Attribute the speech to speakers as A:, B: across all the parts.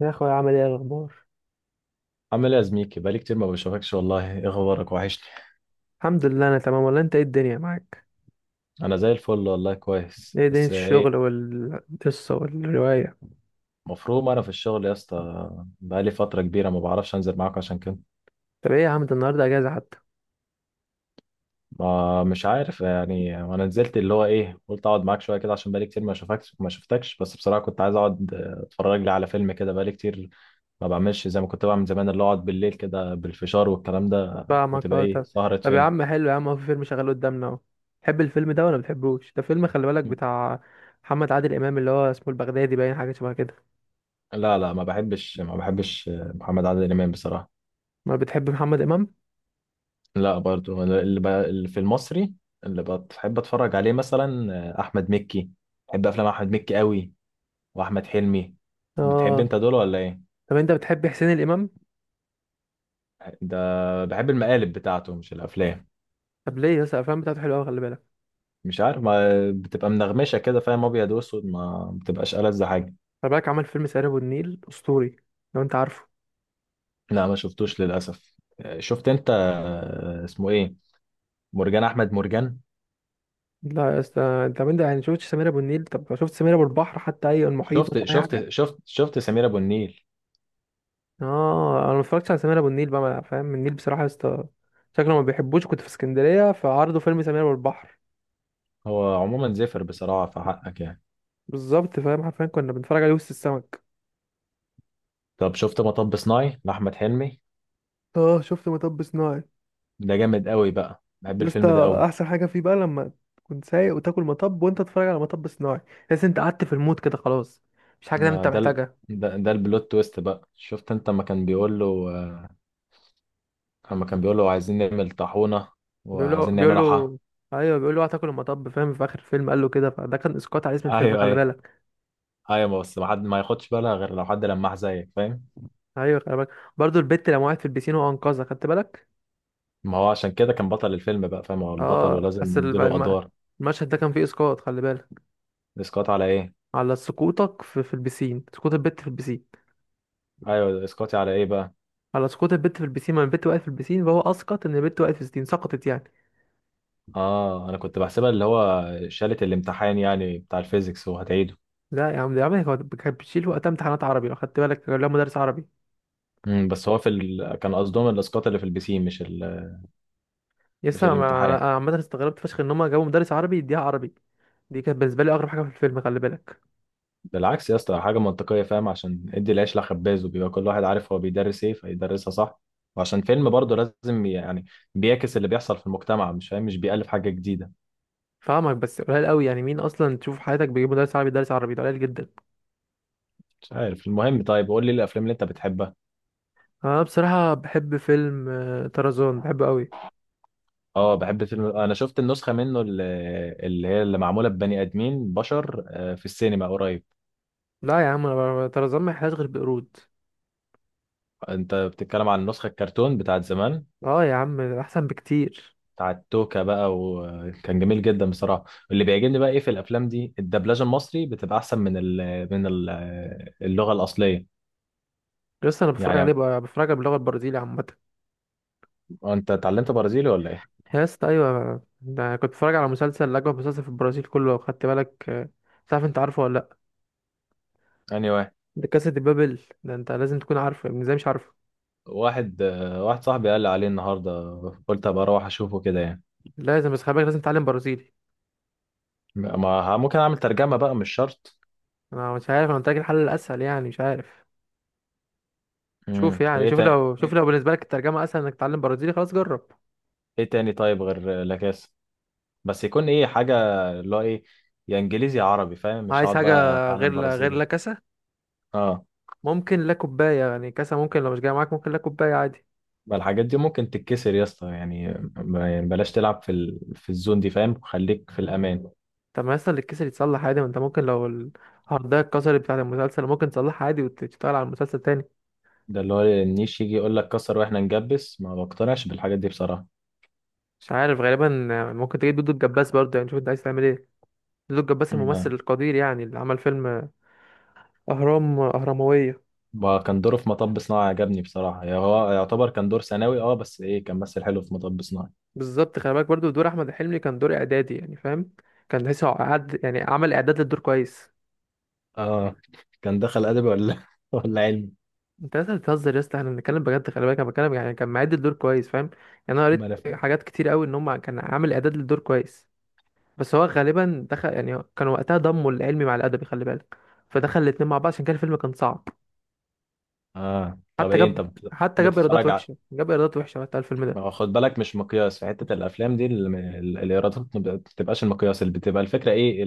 A: يا اخويا، عامل ايه الاخبار؟
B: عامل ايه يا زميكي؟ بقالي كتير ما بشوفكش والله. ايه اخبارك؟ وحشني.
A: الحمد لله انا تمام. ولا انت، ايه الدنيا معاك؟
B: انا زي الفل والله كويس،
A: ايه دنيا
B: بس ايه؟
A: الشغل والقصه والروايه؟
B: مفروض انا في الشغل يا اسطى. بقالي فتره كبيره ما بعرفش انزل معاك عشان كده.
A: طب ايه يا عم، ده النهارده اجازه حتى.
B: ما مش عارف يعني، انا نزلت اللي هو ايه، قلت اقعد معاك شويه كده عشان بقالي كتير ما اشوفكش ما شفتكش. بس بصراحه كنت عايز اقعد اتفرج لي على فيلم كده، بقالي كتير ما بعملش زي ما كنت بعمل زمان، اللي هو اقعد بالليل كده بالفشار والكلام ده
A: فاهمك.
B: وتبقى
A: اه،
B: ايه
A: طب.
B: سهره
A: طب يا
B: فيلم.
A: عم، حلو يا عم، هو في فيلم شغال قدامنا اهو. تحب الفيلم ده ولا بتحبوش؟ ده فيلم خلي بالك بتاع محمد عادل امام، اللي هو اسمه البغدادي، باين حاجه شبه كده.
B: لا، لا، ما بحبش محمد عادل امام بصراحه.
A: ما بتحب محمد امام؟
B: لا برضو أنا اللي في المصري اللي بحب اتفرج عليه مثلا، احمد مكي. بحب افلام احمد مكي قوي، واحمد حلمي. بتحب
A: اه،
B: انت دول ولا ايه؟
A: طب انت بتحب حسين الامام؟
B: ده بحب المقالب بتاعته مش الافلام.
A: طب ليه يا اسطى؟ الافلام بتاعته حلوه قوي خلي بالك.
B: مش عارف، ما بتبقى منغمشه كده فاهم، ابيض واسود ما بتبقاش ألذ حاجه.
A: خلي بالك عمل فيلم سهر ابو النيل اسطوري، لو انت عارفه.
B: لا ما شفتوش للاسف. شفت انت، اسمه ايه، مرجان احمد مرجان.
A: لا يا اسطى، طب انت يعني شفتش سمير ابو النيل؟ طب شفت سمير ابو البحر؟ حتى اي المحيط
B: شفت
A: مثلا اي حاجه.
B: شفت شفت شفت سمير ابو النيل.
A: اه، انا ما اتفرجتش على سمير ابو النيل بقى. فاهم النيل بصراحه يا اسطى، شكله ما بيحبوش. كنت في اسكندريه فعرضوا فيلم سمير ابو البحر.
B: هو عموما زفر بصراحه في حقك يعني.
A: بالظبط فاهم، حرفيا كنا بنتفرج عليه وسط السمك.
B: طب شفت مطب صناعي لاحمد حلمي؟
A: اه، شفت مطب صناعي.
B: ده جامد قوي بقى، بحب
A: يا اسطى
B: الفيلم ده قوي.
A: احسن حاجه فيه بقى لما تكون سايق وتاكل مطب وانت تتفرج على مطب صناعي. تحس انت قعدت في المود كده، خلاص مش حاجه انت
B: ما ده ال...
A: محتاجها.
B: ده, ده البلوت تويست بقى. شفت انت ما كان بيقول له، اما كان بيقول له عايزين نعمل طاحونة وعايزين
A: بيقولوا
B: نعملها حا
A: بيقولوا، ايوه بيقولوا هتاكل المطب فاهم. في اخر الفيلم قال له كده، فده كان اسقاط على اسم الفيلم
B: ايوه،
A: خلي
B: ايوه.
A: بالك.
B: ايوه بس ما حد ما ياخدش بالها غير لو حد لمح زيك فاهم.
A: ايوه خلي بالك، برضه البت لما وقعت في البيسين وانقذها، خدت بالك.
B: ما هو عشان كده كان بطل الفيلم بقى، فاهم، هو البطل
A: اه،
B: ولازم
A: بس
B: نديله ادوار.
A: المشهد ده كان فيه اسقاط خلي بالك.
B: اسقاط على ايه؟
A: على سقوطك في البيسين، سقوط البت في البيسين.
B: ايوه، اسقاطي على ايه بقى؟
A: على سقوط البت في البيسين، ما البت وقعت في البيسين، فهو اسقط ان البت وقعت في البيسين، سقطت يعني.
B: اه انا كنت بحسبها اللي هو شالة الامتحان يعني بتاع الفيزيكس وهتعيده.
A: لا يا عم يا عم، هو كانت بتشيل وقتها امتحانات عربي لو خدت بالك، كان لها مدرس عربي.
B: بس هو كان قصدهم الاسقاط اللي في البسين مش
A: لسه
B: الامتحان.
A: أنا عامه استغربت فشخ ان هم جابوا مدرس عربي يديها عربي. دي كانت بالنسبه لي اغرب حاجه في الفيلم خلي بالك.
B: بالعكس يا اسطى، حاجة منطقية فاهم، عشان ادي العيش لخباز وبيبقى كل واحد عارف هو بيدرس ايه فيدرسها صح. وعشان فيلم برضه لازم يعني بيعكس اللي بيحصل في المجتمع مش فاهم، مش بيألف حاجة جديدة.
A: فاهمك، بس قليل قوي يعني، مين اصلا تشوف في حياتك بيجيب مدرس عربي يدرس عربي؟ ده قليل جدا.
B: مش عارف المهم، طيب قول لي الافلام اللي انت بتحبها.
A: انا بصراحه بحب فيلم طرزان، بحبه قوي.
B: اه بحب فيلم، انا شفت النسخة منه اللي هي اللي معمولة ببني ادمين بشر في السينما قريب.
A: لا يا عم، انا طرزان ما يحلاش غير بقرود.
B: انت بتتكلم عن النسخة الكرتون بتاعت زمان
A: اه يا عم، ده احسن بكتير.
B: بتاع التوكا بقى، وكان جميل جدا بصراحه. اللي بيعجبني بقى ايه في الافلام دي، الدبلجه المصري بتبقى احسن من اللغه الاصليه.
A: لسه انا بتفرج عليه
B: يعني
A: بقى، بتفرج على باللغه البرازيليه عامه.
B: انت اتعلمت برازيلي ولا ايه؟
A: يا اسطى ايوه، ده كنت بتفرج على مسلسل اجمل مسلسل في البرازيل كله لو خدت بالك مش عارف انت عارفه ولا لا.
B: اني واحد،
A: ده كاسا دي بابل، ده انت لازم تكون عارفه يعني، ازاي مش عارفه؟
B: واحد صاحبي قال لي عليه النهارده، قلت ابقى اروح اشوفه كده يعني.
A: لازم بس خلي بالك، لازم تتعلم برازيلي.
B: ما ه- ممكن اعمل ترجمه بقى، مش شرط.
A: انا مش عارف، انا قلت لك الحل الاسهل يعني، مش عارف. شوف يعني،
B: وايه
A: شوف
B: تاني
A: لو
B: ايه؟
A: بالنسبه لك الترجمه اسهل انك تتعلم برازيلي، خلاص جرب.
B: إيه تاني طيب غير لاكاس؟ بس يكون ايه حاجه اللي هو ايه، يا انجليزي يا عربي فاهم، مش
A: عايز
B: هقعد
A: حاجه
B: بقى اتعلم
A: غير
B: برازيلي.
A: لا كاسا،
B: اه
A: ممكن لا كوباية يعني كاسة، ممكن لو مش جاية معاك ممكن لا كوباية عادي.
B: ما الحاجات دي ممكن تتكسر يا اسطى، يعني يعني بلاش تلعب في الزون دي فاهم، خليك في الامان.
A: طب ما يصل الكيس اللي يتصلح عادي، ما انت ممكن لو الهاردية اتكسرت بتاعة المسلسل، ممكن تصلحها عادي وتشتغل على المسلسل تاني.
B: ده اللي هو النيش يجي يقول لك كسر واحنا نجبس، ما بقتنعش بالحاجات دي بصراحه.
A: مش عارف غالبا. ممكن تجيب دودو الجباس برضه، يعني شوف انت عايز تعمل ايه. دودو الجباس الممثل
B: ما
A: القدير يعني، اللي عمل فيلم أهرام أهرموية.
B: ما كان دوره في مطب صناعي عجبني بصراحه يعني، هو يعتبر كان دور ثانوي اه، بس ايه كان مثل حلو في مطب صناعي.
A: بالظبط خلي بالك، برضه دور أحمد حلمي كان دور إعدادي يعني فاهم. كان تحسه قعد يعني، عمل إعداد للدور كويس.
B: اه كان دخل ادبي ولا ولا علمي؟
A: انت لسه بتهزر يا اسطى، احنا بنتكلم بجد خلي بالك. انا بتكلم يعني كان معد الدور كويس، فاهم؟ يعني انا
B: ما
A: قريت
B: انا فاهم.
A: حاجات كتير قوي ان هم كان عامل اعداد للدور كويس. بس هو غالبا دخل يعني، كان وقتها ضموا العلمي مع الادبي خلي بالك. فدخل الاتنين مع بعض، عشان كده الفيلم كان صعب.
B: اه طب
A: حتى
B: ايه انت
A: جاب
B: بت-
A: حتى جاب ايرادات
B: بتتفرج على؟
A: وحشه، وقتها الفيلم
B: ما
A: ده.
B: هو خد بالك مش مقياس في حتة الأفلام دي الإيرادات، ما بتبقاش المقياس، اللي بتبقى الفكرة إيه،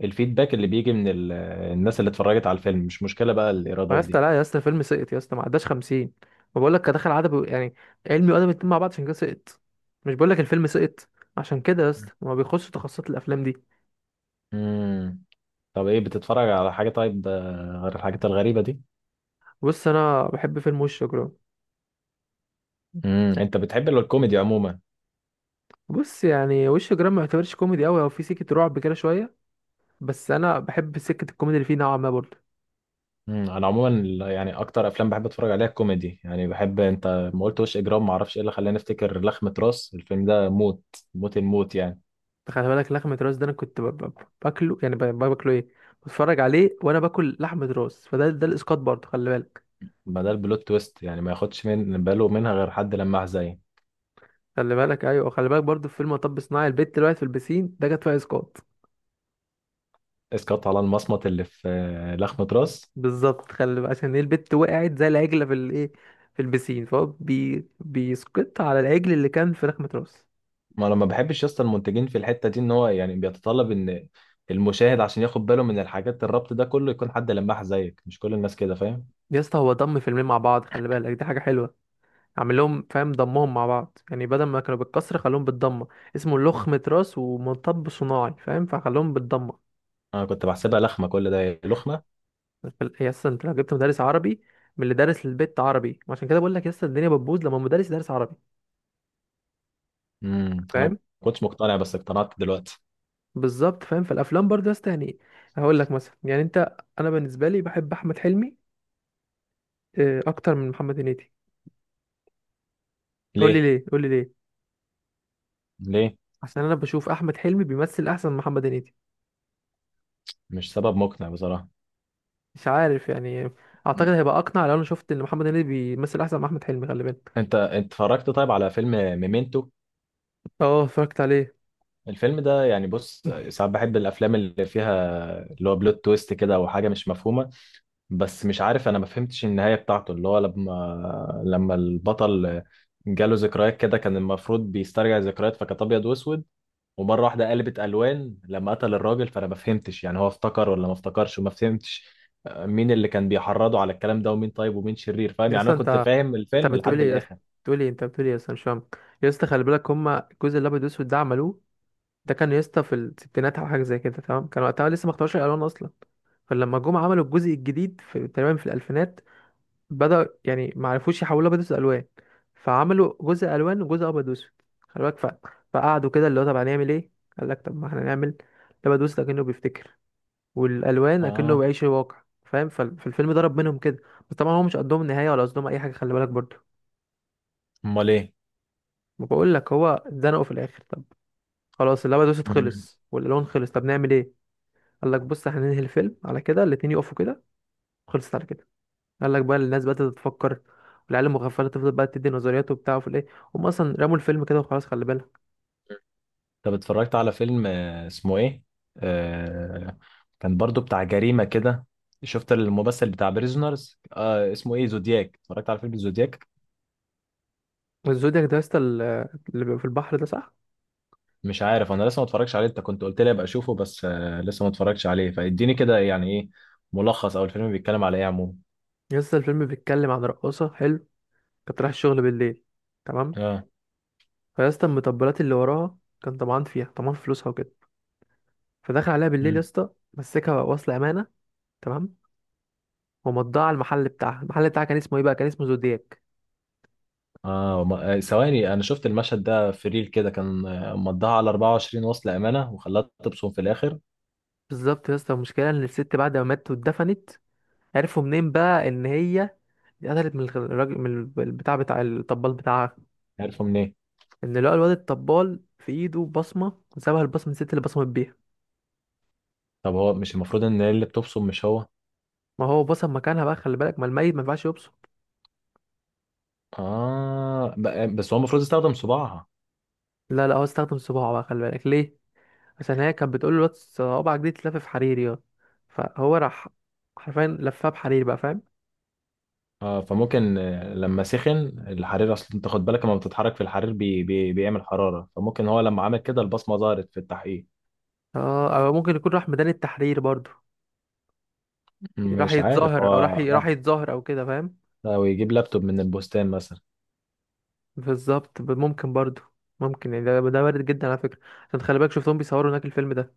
B: الفيدباك اللي بيجي من الناس اللي اتفرجت على الفيلم. مش مشكلة بقى
A: ما يا
B: الإيرادات
A: اسطى،
B: دي.
A: لا يا اسطى، الفيلم سقط يا اسطى، ما عداش 50. ما بقول لك كان دخل عدد يعني علمي وادبي الاتنين مع بعض، عشان كده سقط. مش بقول لك الفيلم سقط؟ عشان كده يا اسطى ما بيخش تخصصات الافلام دي.
B: امم طب ايه بتتفرج على حاجة طيب غير الحاجات الغريبة دي؟
A: بص، انا بحب فيلم وش جرام.
B: انت بتحب الكوميدي عموما.
A: بص يعني، وش جرام ما يعتبرش كوميدي قوي، هو في سكه رعب كده شويه، بس انا بحب سكه الكوميدي اللي فيه نوعا ما برضه.
B: انا عموما يعني اكتر افلام بحب اتفرج عليها الكوميدي. يعني بحب انت ما قلت وش اجرام، ما اعرفش ايه اللي خلاني افتكر لخمة راس، الفيلم ده موت، موت الموت يعني.
A: خلي بالك لحمه راس، ده انا كنت باكله يعني باكله ايه، بتفرج عليه وانا باكل لحمه راس. فده الاسقاط برضه خلي بالك.
B: ما ده البلوت تويست يعني، ما ياخدش من باله منها غير حد لماح زي
A: خلي بالك، ايوه خلي بالك، برضه في فيلم مطب صناعي البت اللي وقعت في البسين، ده جت فيها اسقاط.
B: اسقاط على المصمت اللي في لخمة راس.
A: بالظبط خلي بالك، عشان ايه البت وقعت زي العجله في الايه، في البسين. فهو بيسقط على العجل اللي كان في لحمه راس.
B: ما انا ما بحبش اصلا المنتجين في الحته دي ان هو يعني بيتطلب ان المشاهد عشان ياخد باله من الحاجات الربط ده كله يكون حد لماح زيك، مش كل الناس كده فاهم.
A: يا اسطى هو ضم فيلمين مع بعض خلي بالك، دي حاجه حلوه. اعمل لهم فاهم، ضمهم مع بعض يعني، بدل ما كانوا بالكسر خلوهم بالضمه. اسمه لخمة راس ومطب صناعي فاهم، فخلوهم بالضمه.
B: انا كنت بحسبها لخمه، كل ده لخمه.
A: يا اسطى انت لو جبت مدرس عربي من اللي دارس للبيت عربي، عشان كده بقول لك يا اسطى الدنيا بتبوظ لما مدرس دارس عربي،
B: انا ما
A: فاهم.
B: كنتش مقتنع بس اقتنعت دلوقتي.
A: بالظبط فاهم، في الافلام برضه يا اسطى يعني، هقول لك مثلا يعني انت، انا بالنسبه لي بحب احمد حلمي اكتر من محمد هنيدي. قول لي
B: ليه؟
A: ليه، قول لي ليه.
B: ليه؟
A: عشان انا بشوف احمد حلمي بيمثل احسن من محمد هنيدي.
B: مش سبب مقنع بصراحه.
A: مش عارف يعني، اعتقد هيبقى اقنع لو انا شفت ان محمد هنيدي بيمثل احسن من احمد حلمي خلي بالك.
B: انت اتفرجت طيب على فيلم ميمنتو؟
A: اه، اتفرجت عليه.
B: الفيلم ده يعني بص، ساعات بحب الافلام اللي فيها اللي هو بلوت تويست كده او حاجه مش مفهومه. بس مش عارف انا ما فهمتش النهايه بتاعته اللي هو لما البطل جاله ذكريات كده، كان المفروض بيسترجع ذكريات فكانت ابيض واسود، ومره واحده قلبت الوان لما قتل الراجل، فانا ما فهمتش يعني هو افتكر ولا ما افتكرش، وما فهمتش مين اللي كان بيحرضه على الكلام ده، ومين طيب ومين شرير فاهم
A: يا
B: يعني.
A: اسطى
B: انا كنت
A: انت
B: فاهم
A: انت
B: الفيلم لحد
A: بتقولي يا اسطى،
B: الاخر.
A: بتقولي انت بتقولي يا اسطى، مش فاهم. يا اسطى خلي بالك، هما الجزء الابيض والاسود ده عملوه، ده كان يا اسطى في الستينات او حاجه زي كده تمام. كان وقتها لسه ما اختاروش الالوان اصلا. فلما جم عملوا الجزء الجديد في تقريبا في الالفينات، بدأ يعني ما عرفوش يحولوا ابيض واسود الوان، فعملوا جزء الوان وجزء ابيض واسود خلي بالك. فقعدوا كده اللي هو، طب هنعمل ايه؟ قال لك طب ما احنا نعمل الابيض واسود كأنه بيفتكر، والالوان اكنه
B: اه،
A: بيعيش الواقع، فاهم. فالفيلم ضرب منهم كده، بس طبعا هو مش قدهم النهايه ولا قصدهم اي حاجه، خلي بالك برضه.
B: امال ايه؟
A: ما بقول لك، هو اتزنقوا في الاخر. طب خلاص، اللعبه دوست
B: مم.
A: خلص، والالوان خلص، طب نعمل ايه؟ قال لك بص احنا ننهي الفيلم على كده، الاتنين يقفوا كده، خلصت على كده. قال لك، بقى الناس بدات تفكر، والعيال المغفله تفضل بقى تدي نظريات وبتاع وفي الايه، هم اصلا رموا الفيلم كده وخلاص خلي بالك.
B: طب اتفرجت على فيلم اسمه ايه، آه كان برضو بتاع جريمة كده، شفت الممثل بتاع بريزونرز اسمه ايه زودياك؟ اتفرجت على فيلم زودياك؟
A: الزودياك ده يا اسطى، اللي بيبقى في البحر ده، صح؟
B: مش عارف انا لسه ما اتفرجش عليه، انت كنت قلت لي ابقى اشوفه بس لسه ما اتفرجش عليه. فاديني كده يعني ايه ملخص او الفيلم بيتكلم على ايه عموما.
A: يا اسطى الفيلم بيتكلم عن رقاصه حلو، كانت رايحه الشغل بالليل، تمام.
B: اه.
A: فيا اسطى المطبلات اللي وراها كان طمعان فيها، طمعان في فلوسها وكده. فدخل عليها بالليل يا
B: مم.
A: اسطى، مسكها وصل امانه، تمام. ومضاها على المحل بتاعها. المحل بتاعها كان اسمه ايه بقى؟ كان اسمه زودياك.
B: اه ثواني، انا شفت المشهد ده في ريل كده كان مضاها على 24، وصل امانة وخلاها تبصم في الاخر.
A: بالظبط يا اسطى، المشكله ان الست بعد ما ماتت واتدفنت، عرفوا منين بقى ان هي اتقتلت من الراجل، من البتاع بتاع الطبال بتاعها.
B: عارفه منين؟
A: ان لقى الواد الطبال في ايده بصمه، وسابها البصمه الست اللي بصمت بيها.
B: طب هو مش المفروض ان هي اللي بتبصم مش هو؟
A: ما هو بصم مكانها بقى خلي بالك، ما الميت ما ينفعش يبصم.
B: اه، بس هو المفروض يستخدم صباعها.
A: لا لا، هو استخدم صباعه بقى خلي بالك، ليه؟ عشان هي كانت بتقول له، الواد صوابعك دي تتلف في حريري. اه، فهو راح حرفيا لفها بحرير بقى، فاهم.
B: فممكن لما سخن الحرير، اصل انت خد بالك لما بتتحرك في الحرير بي بي بيعمل حرارة، فممكن هو لما عمل كده البصمة ظهرت في التحقيق.
A: اه، او ممكن يكون راح ميدان التحرير برضو، راح
B: مش عارف
A: يتظاهر، او راح
B: هو
A: راح يتظاهر او كده فاهم.
B: لو يجيب لابتوب من البستان مثلا.
A: بالظبط، ممكن برضو. ممكن يعني، ده وارد جدا على فكره. عشان خلي بالك شفتهم بيصوروا هناك الفيلم ده.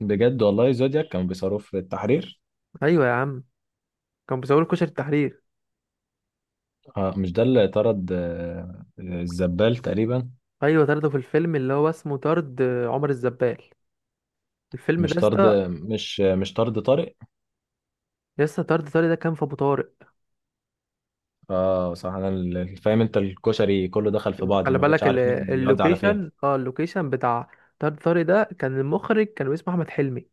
B: بجد والله؟ زودياك كانوا بيصاروه في التحرير؟
A: ايوه يا عم، كانوا بيصوروا كشري التحرير.
B: مش ده اللي طرد الزبال تقريبا؟
A: ايوه طردوا في الفيلم اللي هو اسمه طرد عمر الزبال، الفيلم ده
B: مش
A: يا
B: طرد
A: اسطى.
B: مش مش طرد طارق؟
A: يا اسطى طرد طارق ده كان في ابو طارق،
B: اه صح انا فاهم، انت الكشري كله دخل في بعض،
A: خلي
B: ما بقتش
A: بالك.
B: عارف مين بيودي على فين.
A: اللوكيشن بتاع طارق ده كان المخرج، كان اسمه احمد حلمي،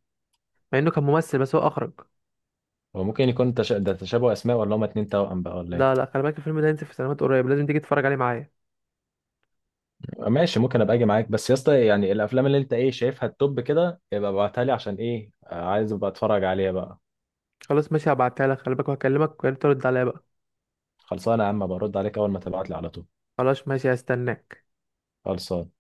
A: مع انه كان ممثل بس هو اخرج.
B: هو ممكن يكون ده تشابه اسماء، ولا هما اتنين توأم بقى، ولا ايه؟
A: لا لا، خلي بالك الفيلم ده هينزل في سينمات قريب، لازم تيجي تتفرج عليه معايا.
B: ماشي ممكن ابقى اجي معاك، بس يا اسطى يعني الافلام اللي انت ايه شايفها التوب كده يبقى ابعتها لي، عشان ايه عايز ابقى اتفرج عليها بقى.
A: خلاص ماشي، هبعتها لك خلي بالك، وهكلمك ويا ريت ترد عليا بقى.
B: خلصانه يا عم، برد عليك اول ما تبعت لي على طول.
A: خلاص ماشي، هستناك.
B: خلصان.